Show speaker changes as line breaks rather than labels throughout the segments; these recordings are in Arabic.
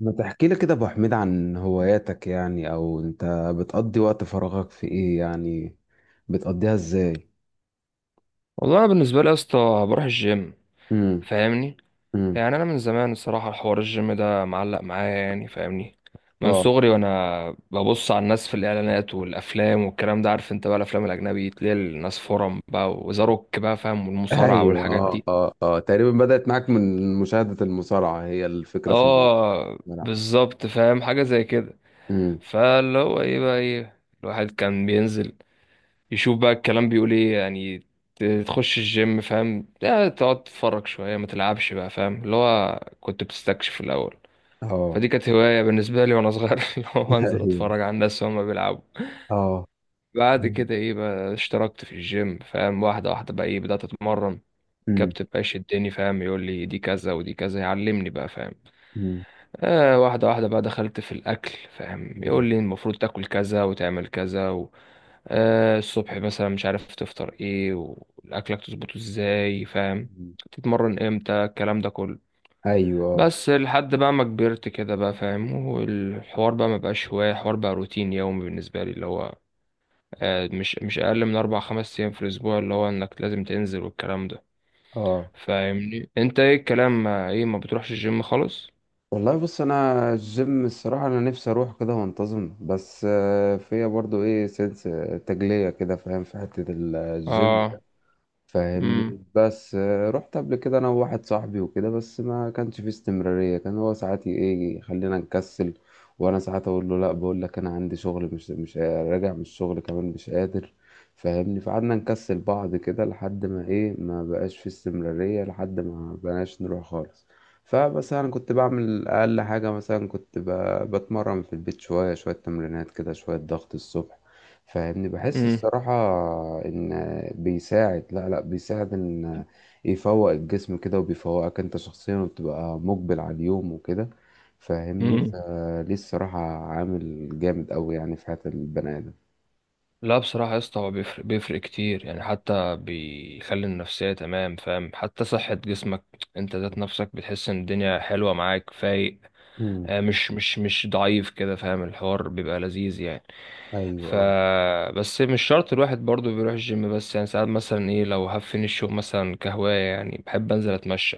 ما تحكي لي كده يا ابو حميد عن هواياتك، يعني؟ او انت بتقضي وقت فراغك في ايه يعني؟ بتقضيها ازاي؟
والله أنا بالنسبه لي يا اسطى، بروح الجيم.
امم.
فاهمني؟
امم.
يعني انا من زمان الصراحه حوار الجيم ده معلق معايا يعني. فاهمني؟ من
اه.
صغري وانا ببص على الناس في الاعلانات والافلام والكلام ده. عارف انت بقى الافلام الاجنبي تلاقي الناس فورم بقى وزاروك بقى، فاهم؟ والمصارعه
ايوه،
والحاجات
اه،
دي.
اه، اه، تقريبا بدأت معاك من مشاهدة المصارعة، هي الفكرة في
اه
الملعب.
بالظبط، فاهم؟ حاجه زي كده.
امم.
فاللي هو ايه بقى، ايه الواحد كان بينزل يشوف بقى الكلام بيقول ايه يعني. تخش الجيم، فاهم؟ لا تقعد تتفرج شوية ما تلعبش بقى، فاهم؟ اللي هو كنت بتستكشف الأول.
اه.
فدي كانت هواية بالنسبة لي وأنا صغير اللي هو أنزل
ايوه،
أتفرج على الناس وهما بيلعبوا.
اه.
بعد كده إيه بقى، اشتركت في الجيم، فاهم؟ واحدة واحدة بقى، إيه بدأت أتمرن.
امم.
الكابتن بقى يشدني، فاهم؟ يقول لي دي كذا ودي كذا، يعلمني بقى، فاهم؟
امم.
آه، واحدة واحدة بقى دخلت في الأكل، فاهم؟ يقول
أمم.
لي المفروض تاكل كذا وتعمل كذا. آه، الصبح مثلا مش عارف تفطر ايه، واكلك تظبطه ازاي، فاهم؟
أمم.
تتمرن امتى، الكلام ده كله.
ايوه،
بس لحد بقى ما كبرت كده بقى، فاهم؟ والحوار بقى ما بقاش هواية، حوار بقى روتين يومي بالنسبة لي. اللي هو آه مش اقل من اربع خمس ايام في الاسبوع، اللي هو انك لازم تنزل والكلام ده.
اه، آه.
فاهمني؟ انت ايه الكلام، ما ايه، ما بتروحش الجيم خالص؟
والله بص، انا الجيم الصراحه انا نفسي اروح كده وانتظم، بس فيا برضو ايه سنس، تجليه كده فاهم، في حته الجيم.
اه. امم.
فاهمني. بس رحت قبل كده انا وواحد صاحبي وكده، بس ما كانش فيه استمرارية. كان هو ساعات ايه يخلينا نكسل. وانا ساعات اقول له لا، بقول لك انا عندي شغل، مش مش قا- راجع من الشغل كمان، مش قادر. فاهمني. فقعدنا نكسل بعض كده لحد ما ايه ما بقاش فيه استمرارية، لحد ما بقاش نروح خالص. فبس انا كنت بعمل اقل حاجة، مثلا كنت بتمرن في البيت شوية شوية، تمرينات كده، شوية ضغط الصبح. فاهمني. بحس الصراحة إن بيساعد، لا لا، بيساعد إن يفوق الجسم كده وبيفوقك أنت شخصيا، وبتبقى مقبل على اليوم وكده. فاهمني.
امم.
فليه الصراحة عامل جامد أوي يعني في حياة البني آدم.
لا بصراحة يا اسطى هو بيفرق بيفرق كتير يعني، حتى بيخلي النفسية تمام، فاهم؟ حتى صحة جسمك، انت ذات نفسك بتحس ان الدنيا حلوة معاك، فايق.
مم.
مش ضعيف كده، فاهم؟ الحوار بيبقى لذيذ يعني.
أيوة،
ف
أه.
بس مش شرط الواحد برضو بيروح الجيم بس، يعني ساعات مثلا ايه لو هفني الشغل، مثلا كهواية يعني بحب انزل اتمشى.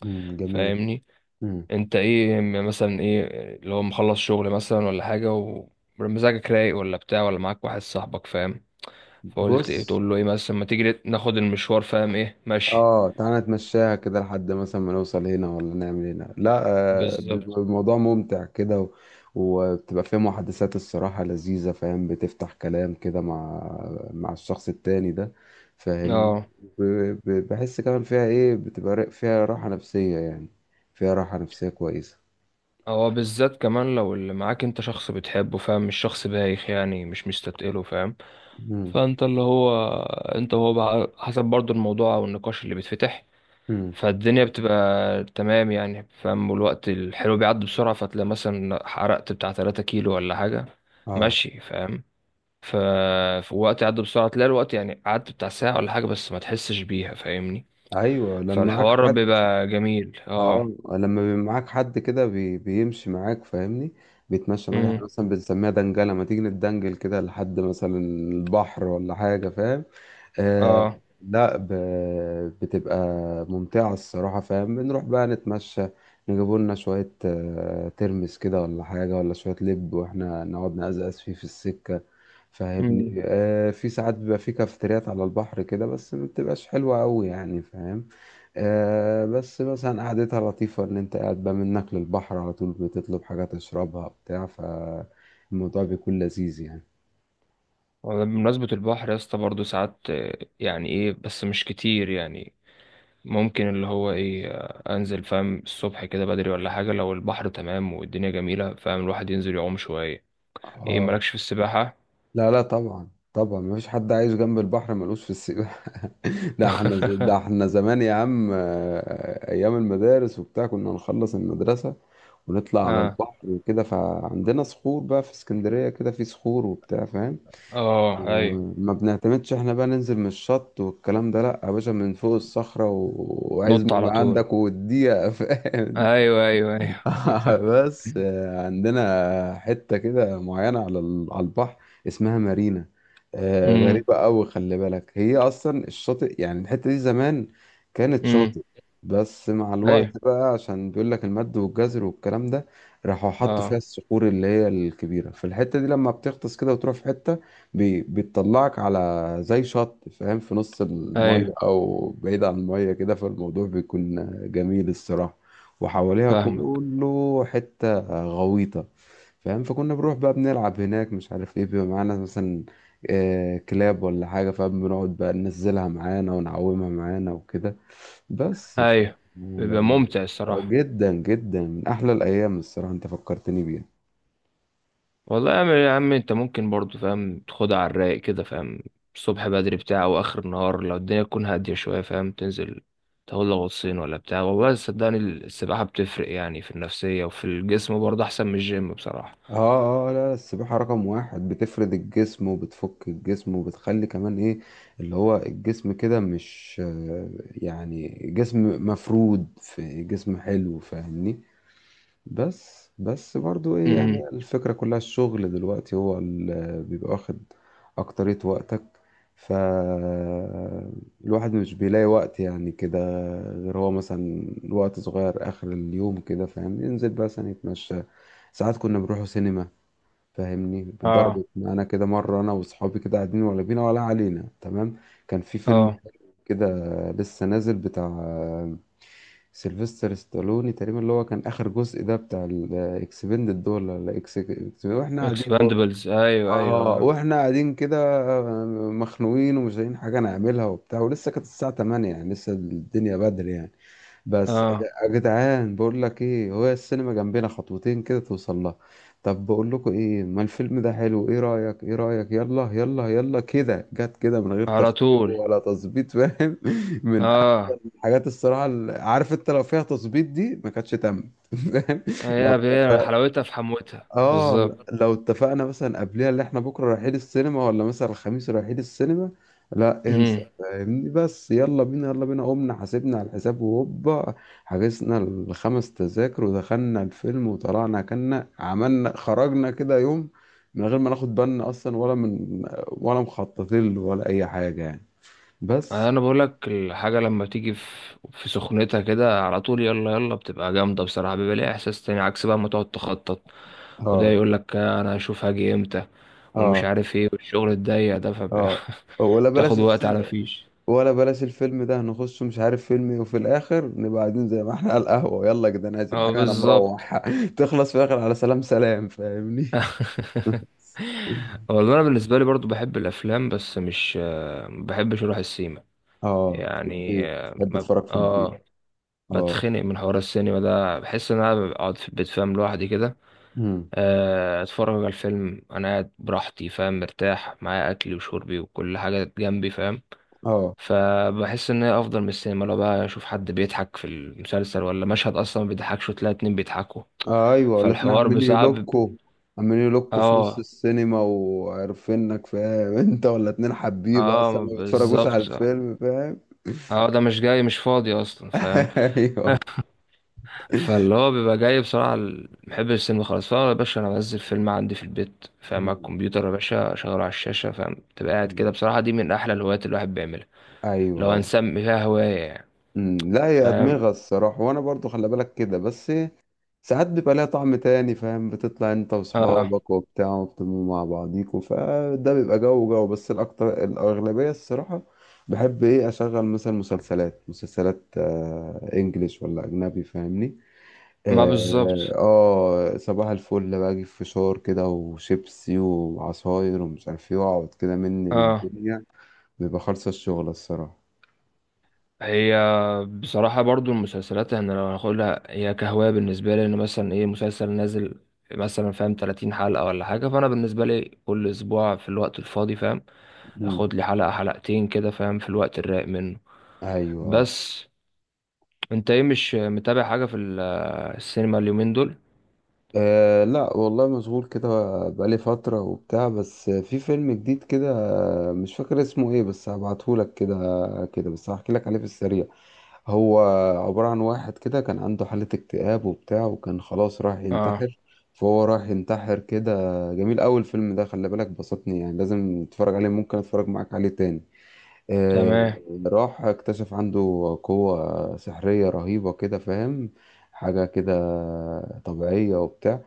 مم، جميل.
فاهمني؟
مم.
انت ايه، مثلا ايه لو مخلص شغل مثلا ولا حاجة، ومزاجك رايق ولا بتاع، ولا معاك واحد صاحبك، فاهم؟ فقلت ايه،
بص،
تقول له ايه مثلا، ما تيجي ناخد المشوار، فاهم؟ ايه ماشي.
اه، تعالى نتمشاها كده لحد مثلا ما نوصل هنا ولا نعمل هنا، لا. آه،
بالظبط.
بيبقى الموضوع ممتع كده وبتبقى فيه محادثات الصراحة لذيذة، فاهم؟ بتفتح كلام كده مع الشخص التاني ده، فاهم؟
اه.
ب... بحس كمان فيها ايه، بتبقى فيها راحة نفسية يعني. فيها راحة نفسية كويسة.
هو بالذات كمان لو اللي معاك انت شخص بتحبه، فاهم؟ مش شخص بايخ يعني، مش مستتقله، فاهم؟
مم.
فانت اللي هو انت وهو بقى، حسب برضو الموضوع او النقاش اللي بيتفتح.
مم.
فالدنيا بتبقى تمام يعني، فاهم؟ والوقت الحلو بيعدي بسرعة، فتلاقي مثلا حرقت بتاع 3 كيلو ولا حاجة،
اه،
ماشي، فاهم؟ ف في وقت عدى بسرعة، تلاقي الوقت يعني قعدت بتاع ساعة ولا حاجة بس ما تحسش بيها. فاهمني؟
ايوه، لما معاك
فالحوار
حد.
بيبقى جميل. اه.
اه، لما بيبقى معاك حد كده بيمشي معاك، فاهمني. بيتمشى معاك. احنا
امم.
مثلا بنسميها دنجله، ما تيجي نتدنجل كده لحد مثلا البحر ولا حاجه، فاهم؟ آه.
اه.
لا بتبقى ممتعة الصراحة، فاهم؟ بنروح بقى نتمشى، نجيبوا لنا شوية ترمس كده ولا حاجة، ولا شوية لب، واحنا نقعد نقزقز فيه في السكة.
امم.
فاهمني. في ساعات بيبقى في كافتريات على البحر كده، بس ما بتبقاش حلوة أوي يعني، فاهم؟ آه، بس مثلا قعدتها لطيفة إن أنت قاعد بقى منك للبحر على طول، بتطلب حاجة تشربها بتاع، فالموضوع بيكون لذيذ يعني.
والله بمناسبة البحر يا اسطى برضه ساعات يعني ايه بس مش كتير يعني. ممكن اللي هو ايه انزل، فاهم؟ الصبح كده بدري ولا حاجة، لو البحر تمام والدنيا جميلة، فاهم؟ الواحد ينزل يعوم شوية. ايه
اه،
مالكش في السباحة؟
لا لا، طبعا طبعا، مفيش حد عايش جنب البحر ملوش في السباحة. ده احنا زمان يا عم، ايام المدارس وبتاع كنا نخلص المدرسة ونطلع على
اه.
البحر وكده. فعندنا صخور بقى في اسكندرية، كده في صخور وبتاع، فاهم؟
اه. ايوه.
ما بنعتمدش احنا بقى ننزل من الشط والكلام ده، لا يا باشا، من فوق الصخرة وعزم
نط على
يبقى
طول.
عندك واديها فاهم؟
ايوه، ايوه، ايوه.
بس عندنا حتة كده معينة على البحر اسمها مارينا.
امم.
غريبة أوي، خلي بالك هي أصلا الشاطئ، يعني الحتة دي زمان كانت
امم.
شاطئ. بس مع الوقت
ايوه.
بقى، عشان بيقول لك المد والجزر والكلام ده، راحوا حطوا فيها
اه.
الصخور اللي هي الكبيرة، فالحتة دي لما بتغطس كده وتروح في حتة بتطلعك على زي شط، فاهم؟ في نص المية
ايوه.
أو بعيد عن المية كده، فالموضوع بيكون جميل الصراحة. وحواليها
فاهمك.
كله حتة غويطة، فاهم؟ فكنا بنروح بقى بنلعب هناك، مش عارف ايه بيبقى معانا، مثلا كلاب ولا حاجة، فبنقعد بقى ننزلها معانا ونعومها معانا وكده. بس ف...
ايوه، بيبقى ممتع الصراحة.
جدا جدا، من أحلى الأيام الصراحة، أنت فكرتني بيها.
والله يا عم، يا عم انت ممكن برضو، فاهم؟ تاخدها على الرايق كده، فاهم؟ الصبح بدري بتاع او اخر النهار، لو الدنيا تكون هاديه شويه، فاهم؟ تنزل تاخد لك غطسين ولا بتاع. والله صدقني السباحه بتفرق يعني، في النفسيه وفي الجسم برضه، احسن من الجيم بصراحه.
اه، اه، آه، لا، السباحة رقم واحد، بتفرد الجسم وبتفك الجسم، وبتخلي كمان ايه، اللي هو الجسم كده مش، يعني جسم مفرود، في جسم حلو، فاهمني. بس برضو ايه
امم.
يعني، الفكرة كلها الشغل دلوقتي هو اللي بيبقى واخد أكترية وقتك. فالواحد مش بيلاقي وقت يعني كده، غير هو مثلا وقت صغير آخر اليوم كده، فاهم؟ ينزل بقى مثلا يتمشى. ساعات كنا بنروحوا سينما. فاهمني.
اه.
اتضربت معانا كده مرة، أنا وصحابي كده قاعدين ولا بينا ولا علينا، تمام. كان في فيلم
اه.
كده لسه نازل بتاع سيلفستر ستالوني تقريبا، اللي هو كان اخر جزء ده بتاع الاكسبندد دول، ولا واحنا قاعدين بقى.
اكسباندبلز، ايوه،
اه،
ايوه.
واحنا قاعدين كده آه، مخنوقين ومش لاقيين حاجه نعملها وبتاع، ولسه كانت الساعه 8 يعني، لسه الدنيا بدري يعني. بس
اه.
يا جدعان، بقول لك ايه، هو السينما جنبنا خطوتين كده توصل لها. طب بقول لكم ايه، ما الفيلم ده حلو، ايه رايك، ايه رايك، يلا يلا يلا، كده جت كده من غير
على
تفكير
طول.
ولا تظبيط، فاهم؟ من
اه.
حاجات الصراحه، عارف انت لو فيها تظبيط دي ما كانتش تمت. فاهم؟
هي
لو
هي
اتفق...
حلاوتها في حموتها
اه،
بالظبط.
لو اتفقنا مثلا قبلها اللي احنا بكره رايحين السينما، ولا مثلا الخميس رايحين السينما، لا انسى،
مم.
فاهمني. بس يلا بينا، يلا بينا، قمنا حاسبنا على الحساب وهوبا، حجزنا الخمس تذاكر ودخلنا الفيلم وطلعنا، كنا عملنا خرجنا كده يوم من غير ما ناخد بالنا اصلا، ولا مخططين له، ولا اي حاجه يعني. بس،
انا بقول لك، الحاجه لما تيجي في سخنتها كده على طول، يلا يلا بتبقى جامده بصراحه، بيبقى ليها احساس تاني، عكس بقى ما تقعد تخطط. وده
اه،
يقول لك انا هشوف هاجي امتى،
اه،
ومش عارف ايه، والشغل الضيق ده.
اه.
بتاخد وقت على مفيش.
ولا بلاش الفيلم ده، نخش مش عارف فيلم ايه، وفي الاخر نبقى قاعدين زي ما احنا على القهوه، يلا يا جدعان عايزين
اه
حاجه، انا
بالظبط.
مروح تخلص في الاخر على سلام سلام، فاهمني؟
والله انا بالنسبه لي برضو بحب الافلام، بس مش ما بحبش اروح السينما
اه، في
يعني.
البيت، تحب اتفرج في البيت. اه.
بتخنق من حوار السينما ده، بحس ان انا بقعد في البيت، فاهم؟ لوحدي كده،
امم.
اتفرج على الفيلم انا قاعد براحتي، فاهم؟ مرتاح معايا اكلي وشربي وكل حاجه جنبي، فاهم؟
اه،
فبحس ان هي افضل من السينما. لو بقى اشوف حد بيضحك في المسلسل ولا مشهد اصلا ما بيضحكش، وتلاقي اتنين بيضحكوا،
ايوه، ولا اتنين
فالحوار
عمالين
بصعب.
يلوكوا، عمالين يلوكوا في نص
اه.
السينما وعارفينك، فاهم؟ انت ولا اتنين حبيبه اصلا
اه
ما بيتفرجوش على
بالظبط.
الفيلم، فاهم؟
اه ده مش جاي مش فاضي اصلا، فاهم؟
ايوه.
فاللي هو بيبقى جاي بصراحة محب السينما خلاص. فأنا يا باشا، أنا بنزل فيلم عندي في البيت، فاهم؟ على
مم.
الكمبيوتر يا باشا أشغله على الشاشة، فاهم؟ تبقى قاعد كده.
مم.
بصراحة دي من أحلى الهوايات اللي الواحد بيعملها، لو
ايوه.
هنسمي فيها هواية يعني.
مم، لا، هي
فاهم؟
أدمغة الصراحة، وأنا برضو خلي بالك كده، بس ساعات بيبقى ليها طعم تاني، فاهم؟ بتطلع أنت
اه
وصحابك وبتاع وبتبقوا مع بعضيكوا، فده بيبقى جو جو، بس الأكتر الأغلبية الصراحة بحب إيه أشغل مثلا مسلسلات مسلسلات، إنجليش ولا أجنبي، فاهمني.
ما بالظبط.
صباح الفل، باجي في فشار كده وشيبسي وعصاير ومش عارف إيه، وأقعد كده مني
اه
للدنيا، بيبقى خالصة الشغل الصراحة.
هي. بصراحة برضو المسلسلات، احنا لو هناخدها هي كهواية، بالنسبة لي ان مثلا ايه مسلسل نازل مثلا، فاهم؟ 30 حلقة ولا حاجة. فانا بالنسبة لي كل اسبوع في الوقت الفاضي، فاهم؟
مم.
اخد لي حلقة حلقتين كده، فاهم؟ في الوقت الرايق منه.
أيوه،
بس انت ايه مش متابع حاجة في السينما اليومين دول؟
أه. لا والله، مشغول كده بقالي فترة وبتاع، بس في فيلم جديد كده مش فاكر اسمه ايه، بس هبعتهولك كده، كده بس هحكي لك عليه في السريع. هو عبارة عن واحد كده كان عنده حالة اكتئاب وبتاع، وكان خلاص راح
اه
ينتحر. فهو راح ينتحر كده. جميل أوي الفيلم ده، خلي بالك بسطني يعني، لازم تتفرج عليه، ممكن اتفرج معاك عليه تاني. أه.
تمام.
راح اكتشف عنده قوة سحرية رهيبة كده، فاهم؟ حاجة كده طبيعية وبتاع.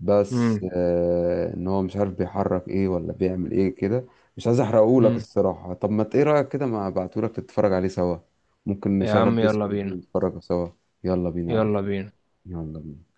بس
امم.
ان هو مش عارف بيحرك ايه ولا بيعمل ايه كده. مش عايز احرقهولك
امم.
الصراحة. طب ما ت- ايه رأيك كده، ما ابعتهولك تتفرج عليه سوا، ممكن
يا
نشغل
عم يلا
ديسكورد
بينا.
ونتفرج سوا. يلا بينا يا قلبي.
يلا بينا.
يلا بينا.